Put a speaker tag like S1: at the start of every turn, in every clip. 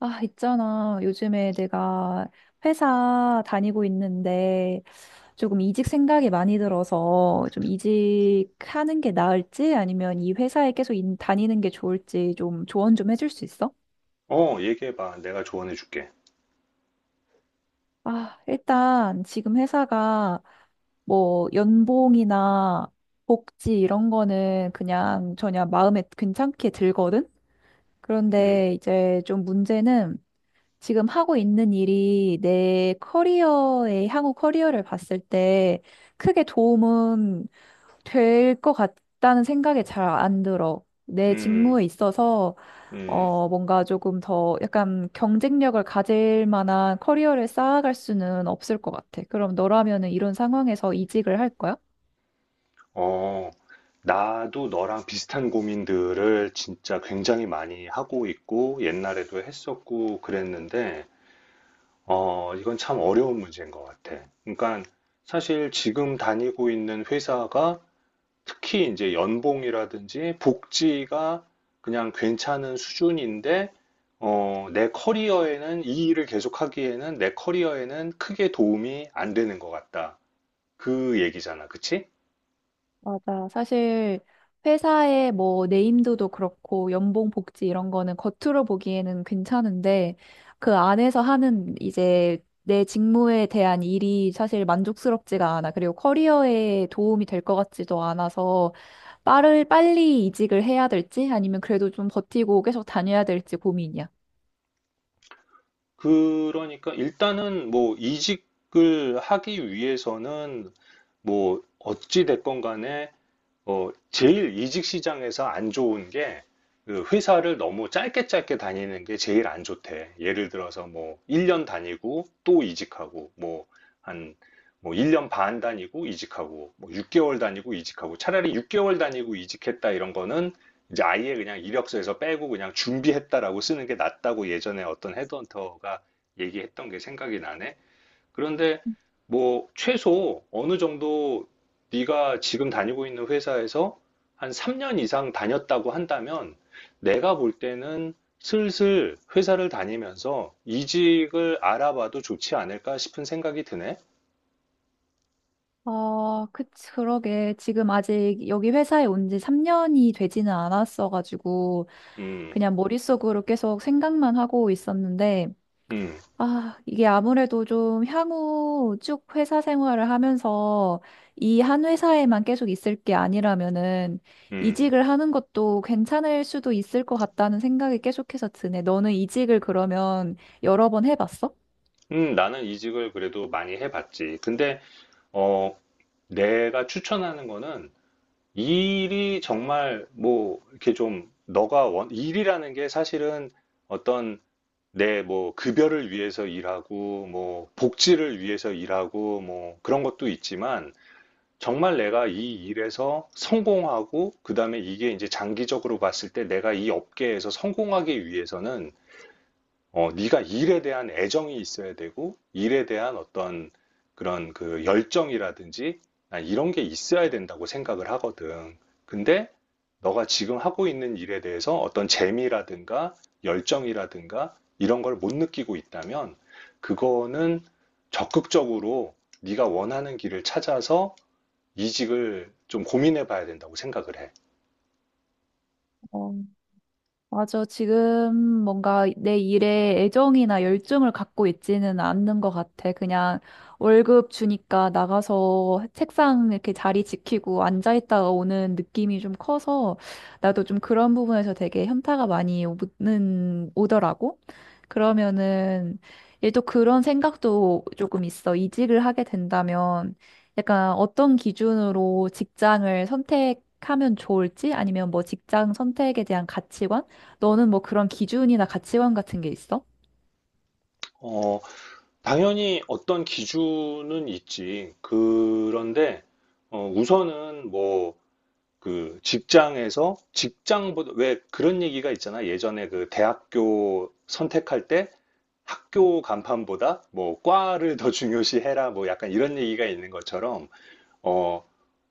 S1: 아, 있잖아. 요즘에 내가 회사 다니고 있는데 조금 이직 생각이 많이 들어서 좀 이직하는 게 나을지 아니면 이 회사에 계속 다니는 게 좋을지 좀 조언 좀 해줄 수 있어?
S2: 얘기해봐. 내가 조언해줄게.
S1: 아, 일단 지금 회사가 뭐 연봉이나 복지 이런 거는 그냥 전혀 마음에 괜찮게 들거든?
S2: 음,
S1: 그런데 이제 좀 문제는 지금 하고 있는 일이 내 커리어에, 향후 커리어를 봤을 때 크게 도움은 될 것 같다는 생각이 잘 안 들어. 내
S2: 음,
S1: 직무에 있어서,
S2: 음.
S1: 뭔가 조금 더 약간 경쟁력을 가질 만한 커리어를 쌓아갈 수는 없을 것 같아. 그럼 너라면은 이런 상황에서 이직을 할 거야?
S2: 어, 나도 너랑 비슷한 고민들을 진짜 굉장히 많이 하고 있고, 옛날에도 했었고, 그랬는데, 이건 참 어려운 문제인 것 같아. 그러니까, 사실 지금 다니고 있는 회사가 특히 이제 연봉이라든지 복지가 그냥 괜찮은 수준인데, 내 커리어에는 이 일을 계속하기에는 내 커리어에는 크게 도움이 안 되는 것 같다. 그 얘기잖아. 그치?
S1: 맞아. 사실 회사의 뭐 네임드도 그렇고 연봉 복지 이런 거는 겉으로 보기에는 괜찮은데 그 안에서 하는 이제 내 직무에 대한 일이 사실 만족스럽지가 않아. 그리고 커리어에 도움이 될 것 같지도 않아서 빠를 빨리 이직을 해야 될지 아니면 그래도 좀 버티고 계속 다녀야 될지 고민이야.
S2: 그러니까 일단은 뭐 이직을 하기 위해서는 뭐 어찌 됐건 간에 제일 이직 시장에서 안 좋은 게, 그 회사를 너무 짧게 짧게 다니는 게 제일 안 좋대. 예를 들어서 뭐, 1년 다니고 또 이직하고, 뭐, 한, 뭐, 1년 반 다니고 이직하고, 뭐, 6개월 다니고 이직하고, 차라리 6개월 다니고 이직했다 이런 거는 이제 아예 그냥 이력서에서 빼고 그냥 준비했다라고 쓰는 게 낫다고 예전에 어떤 헤드헌터가 얘기했던 게 생각이 나네. 그런데 뭐 최소 어느 정도 네가 지금 다니고 있는 회사에서 한 3년 이상 다녔다고 한다면 내가 볼 때는 슬슬 회사를 다니면서 이직을 알아봐도 좋지 않을까 싶은 생각이 드네.
S1: 아, 그치, 그러게. 지금 아직 여기 회사에 온 지 3년이 되지는 않았어가지고,
S2: 음,
S1: 그냥 머릿속으로 계속 생각만 하고 있었는데,
S2: 음,
S1: 아, 이게 아무래도 좀 향후 쭉 회사 생활을 하면서 이 한 회사에만 계속 있을 게 아니라면은,
S2: 음.
S1: 이직을 하는 것도 괜찮을 수도 있을 것 같다는 생각이 계속해서 드네. 너는 이직을 그러면 여러 번 해봤어?
S2: 나는 이직을 그래도 많이 해봤지. 근데 어, 내가 추천하는 거는 일이 정말 뭐 이렇게 좀 너가 원 일이라는 게 사실은 어떤 네, 뭐, 급여를 위해서 일하고, 뭐, 복지를 위해서 일하고, 뭐, 그런 것도 있지만, 정말 내가 이 일에서 성공하고, 그 다음에 이게 이제 장기적으로 봤을 때 내가 이 업계에서 성공하기 위해서는 네가 일에 대한 애정이 있어야 되고, 일에 대한 어떤 그런 그 열정이라든지, 난 이런 게 있어야 된다고 생각을 하거든. 근데 너가 지금 하고 있는 일에 대해서 어떤 재미라든가 열정이라든가 이런 걸 못 느끼고 있다면, 그거는 적극적으로 네가 원하는 길을 찾아서 이직을 좀 고민해 봐야 된다고 생각을 해.
S1: 어. 맞아. 지금 뭔가 내 일에 애정이나 열정을 갖고 있지는 않는 것 같아. 그냥 월급 주니까 나가서 책상 이렇게 자리 지키고 앉아있다가 오는 느낌이 좀 커서 나도 좀 그런 부분에서 되게 현타가 많이 오더라고. 그러면은 얘 또 그런 생각도 조금 있어. 이직을 하게 된다면 약간 어떤 기준으로 직장을 선택하면 좋을지 아니면 뭐 직장 선택에 대한 가치관? 너는 뭐 그런 기준이나 가치관 같은 게 있어?
S2: 어, 당연히 어떤 기준은 있지. 그런데 우선은 뭐 그 직장에서 직장보다 왜 그런 얘기가 있잖아. 예전에 그 대학교 선택할 때 학교 간판보다 뭐 과를 더 중요시해라 뭐 약간 이런 얘기가 있는 것처럼 어,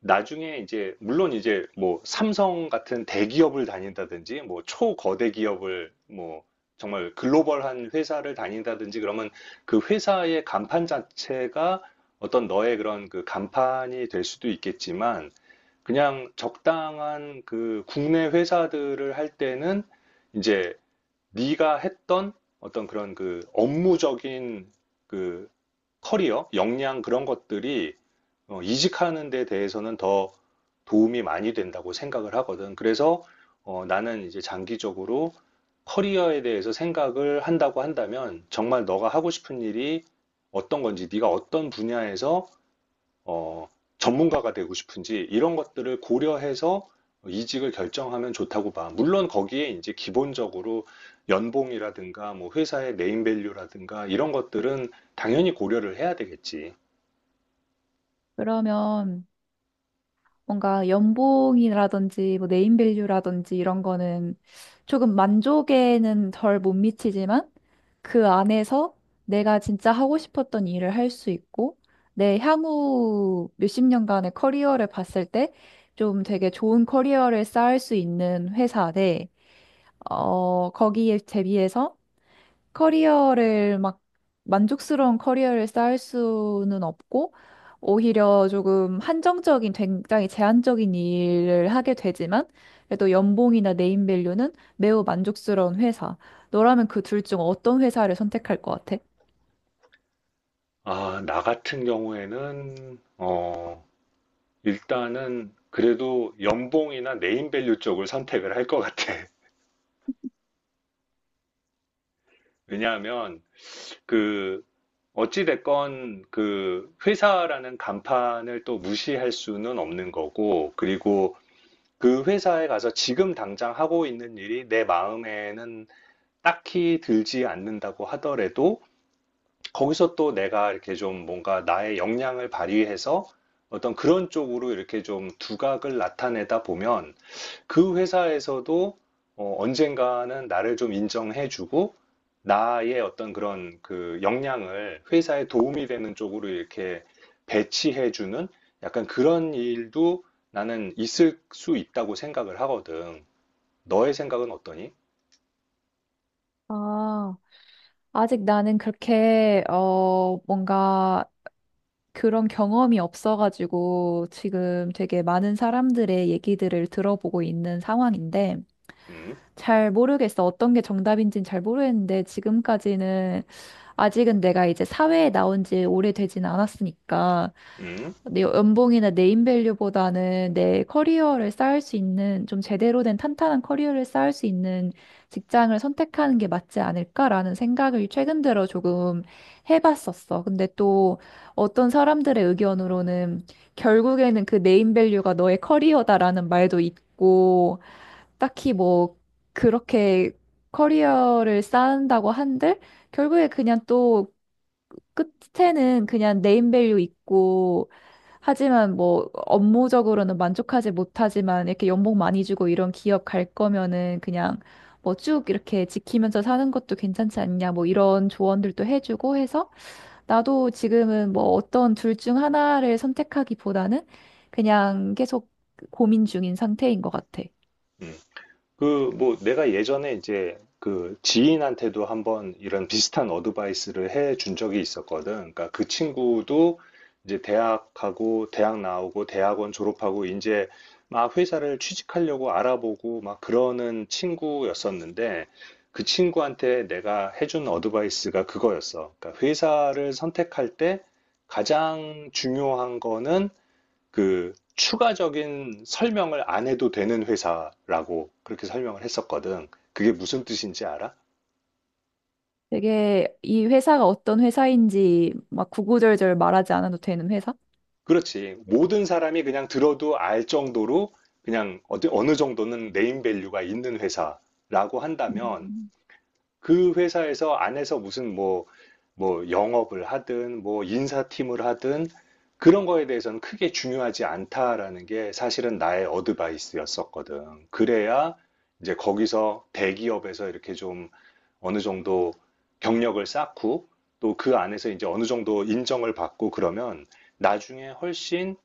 S2: 나중에 이제 물론 이제 뭐 삼성 같은 대기업을 다닌다든지 뭐 초거대 기업을 뭐 정말 글로벌한 회사를 다닌다든지 그러면 그 회사의 간판 자체가 어떤 너의 그런 그 간판이 될 수도 있겠지만 그냥 적당한 그 국내 회사들을 할 때는 이제 네가 했던 어떤 그런 그 업무적인 그 커리어, 역량 그런 것들이 이직하는 데 대해서는 더 도움이 많이 된다고 생각을 하거든. 그래서 나는 이제 장기적으로 커리어에 대해서 생각을 한다고 한다면 정말 너가 하고 싶은 일이 어떤 건지, 네가 어떤 분야에서 어, 전문가가 되고 싶은지 이런 것들을 고려해서 이직을 결정하면 좋다고 봐. 물론 거기에 이제 기본적으로 연봉이라든가 뭐 회사의 네임밸류라든가 이런 것들은 당연히 고려를 해야 되겠지.
S1: 그러면 뭔가 연봉이라든지 뭐 네임밸류라든지 이런 거는 조금 만족에는 덜 못 미치지만 그 안에서 내가 진짜 하고 싶었던 일을 할 수 있고, 내 향후 몇십 년간의 커리어를 봤을 때 좀 되게 좋은 커리어를 쌓을 수 있는 회사 대, 거기에 대비해서 커리어를 막 만족스러운 커리어를 쌓을 수는 없고 오히려 조금 한정적인 굉장히 제한적인 일을 하게 되지만 그래도 연봉이나 네임밸류는 매우 만족스러운 회사. 너라면 그 둘 중 어떤 회사를 선택할 것 같아?
S2: 아, 나 같은 경우에는 일단은 그래도 연봉이나 네임밸류 쪽을 선택을 할 것 같아. 왜냐하면 그 어찌됐건 그 회사라는 간판을 또 무시할 수는 없는 거고, 그리고 그 회사에 가서 지금 당장 하고 있는 일이 내 마음에는 딱히 들지 않는다고 하더라도 거기서 또 내가 이렇게 좀 뭔가 나의 역량을 발휘해서 어떤 그런 쪽으로 이렇게 좀 두각을 나타내다 보면 그 회사에서도 언젠가는 나를 좀 인정해주고 나의 어떤 그런 그 역량을 회사에 도움이 되는 쪽으로 이렇게 배치해주는 약간 그런 일도 나는 있을 수 있다고 생각을 하거든. 너의 생각은 어떠니?
S1: 아, 아직 나는 뭔가 그런 경험이 없어가지고 지금 되게 많은 사람들의 얘기들을 들어보고 있는 상황인데,
S2: 음,
S1: 잘 모르겠어. 어떤 게 정답인지는 잘 모르겠는데 지금까지는 아직은 내가 이제 사회에 나온 지 오래되진 않았으니까
S2: 음,
S1: 내 연봉이나 네임밸류보다는 내 커리어를 쌓을 수 있는 좀 제대로 된 탄탄한 커리어를 쌓을 수 있는 직장을 선택하는 게 맞지 않을까라는 생각을 최근 들어 조금 해봤었어. 근데 또 어떤 사람들의 의견으로는 결국에는 그 네임밸류가 너의 커리어다라는 말도 있고 딱히 뭐 그렇게 커리어를 쌓는다고 한들 결국에 그냥 또 끝에는 그냥 네임밸류 있고 하지만 뭐 업무적으로는 만족하지 못하지만 이렇게 연봉 많이 주고 이런 기업 갈 거면은 그냥 뭐 쭉 이렇게 지키면서 사는 것도 괜찮지 않냐 뭐 이런 조언들도 해주고 해서 나도 지금은 뭐 어떤 둘 중 하나를 선택하기보다는 그냥 계속 고민 중인 상태인 것 같아.
S2: 음. 그, 뭐, 내가 예전에 이제 그 지인한테도 한번 이런 비슷한 어드바이스를 해 준 적이 있었거든. 그러니까 그 친구도 이제 대학하고, 대학 나오고, 대학원 졸업하고, 이제 막 회사를 취직하려고 알아보고 막 그러는 친구였었는데, 그 친구한테 내가 해준 어드바이스가 그거였어. 그러니까 회사를 선택할 때 가장 중요한 거는 그 추가적인 설명을 안 해도 되는 회사라고 그렇게 설명을 했었거든. 그게 무슨 뜻인지 알아?
S1: 되게 이 회사가 어떤 회사인지 막 구구절절 말하지 않아도 되는 회사?
S2: 그렇지. 모든 사람이 그냥 들어도 알 정도로 그냥 어느 정도는 네임 밸류가 있는 회사라고 한다면
S1: 음,
S2: 그 회사에서 안에서 무슨 뭐, 뭐 영업을 하든 뭐 인사팀을 하든 그런 거에 대해서는 크게 중요하지 않다라는 게 사실은 나의 어드바이스였었거든. 그래야 이제 거기서 대기업에서 이렇게 좀 어느 정도 경력을 쌓고 또 그 안에서 이제 어느 정도 인정을 받고 그러면 나중에 훨씬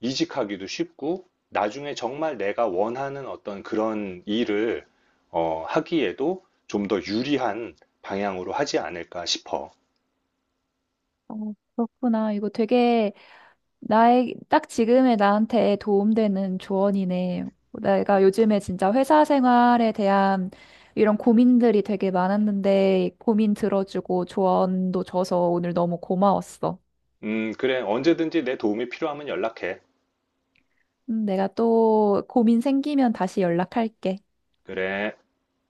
S2: 이직하기도 쉽고 나중에 정말 내가 원하는 어떤 그런 일을 하기에도 좀 더 유리한 방향으로 하지 않을까 싶어.
S1: 어, 그렇구나. 이거 되게 나의 딱 지금의 나한테 도움되는 조언이네. 내가 요즘에 진짜 회사 생활에 대한 이런 고민들이 되게 많았는데 고민 들어주고 조언도 줘서 오늘 너무 고마웠어.
S2: 그래. 언제든지 내 도움이 필요하면 연락해.
S1: 내가 또 고민 생기면 다시 연락할게.
S2: 그래.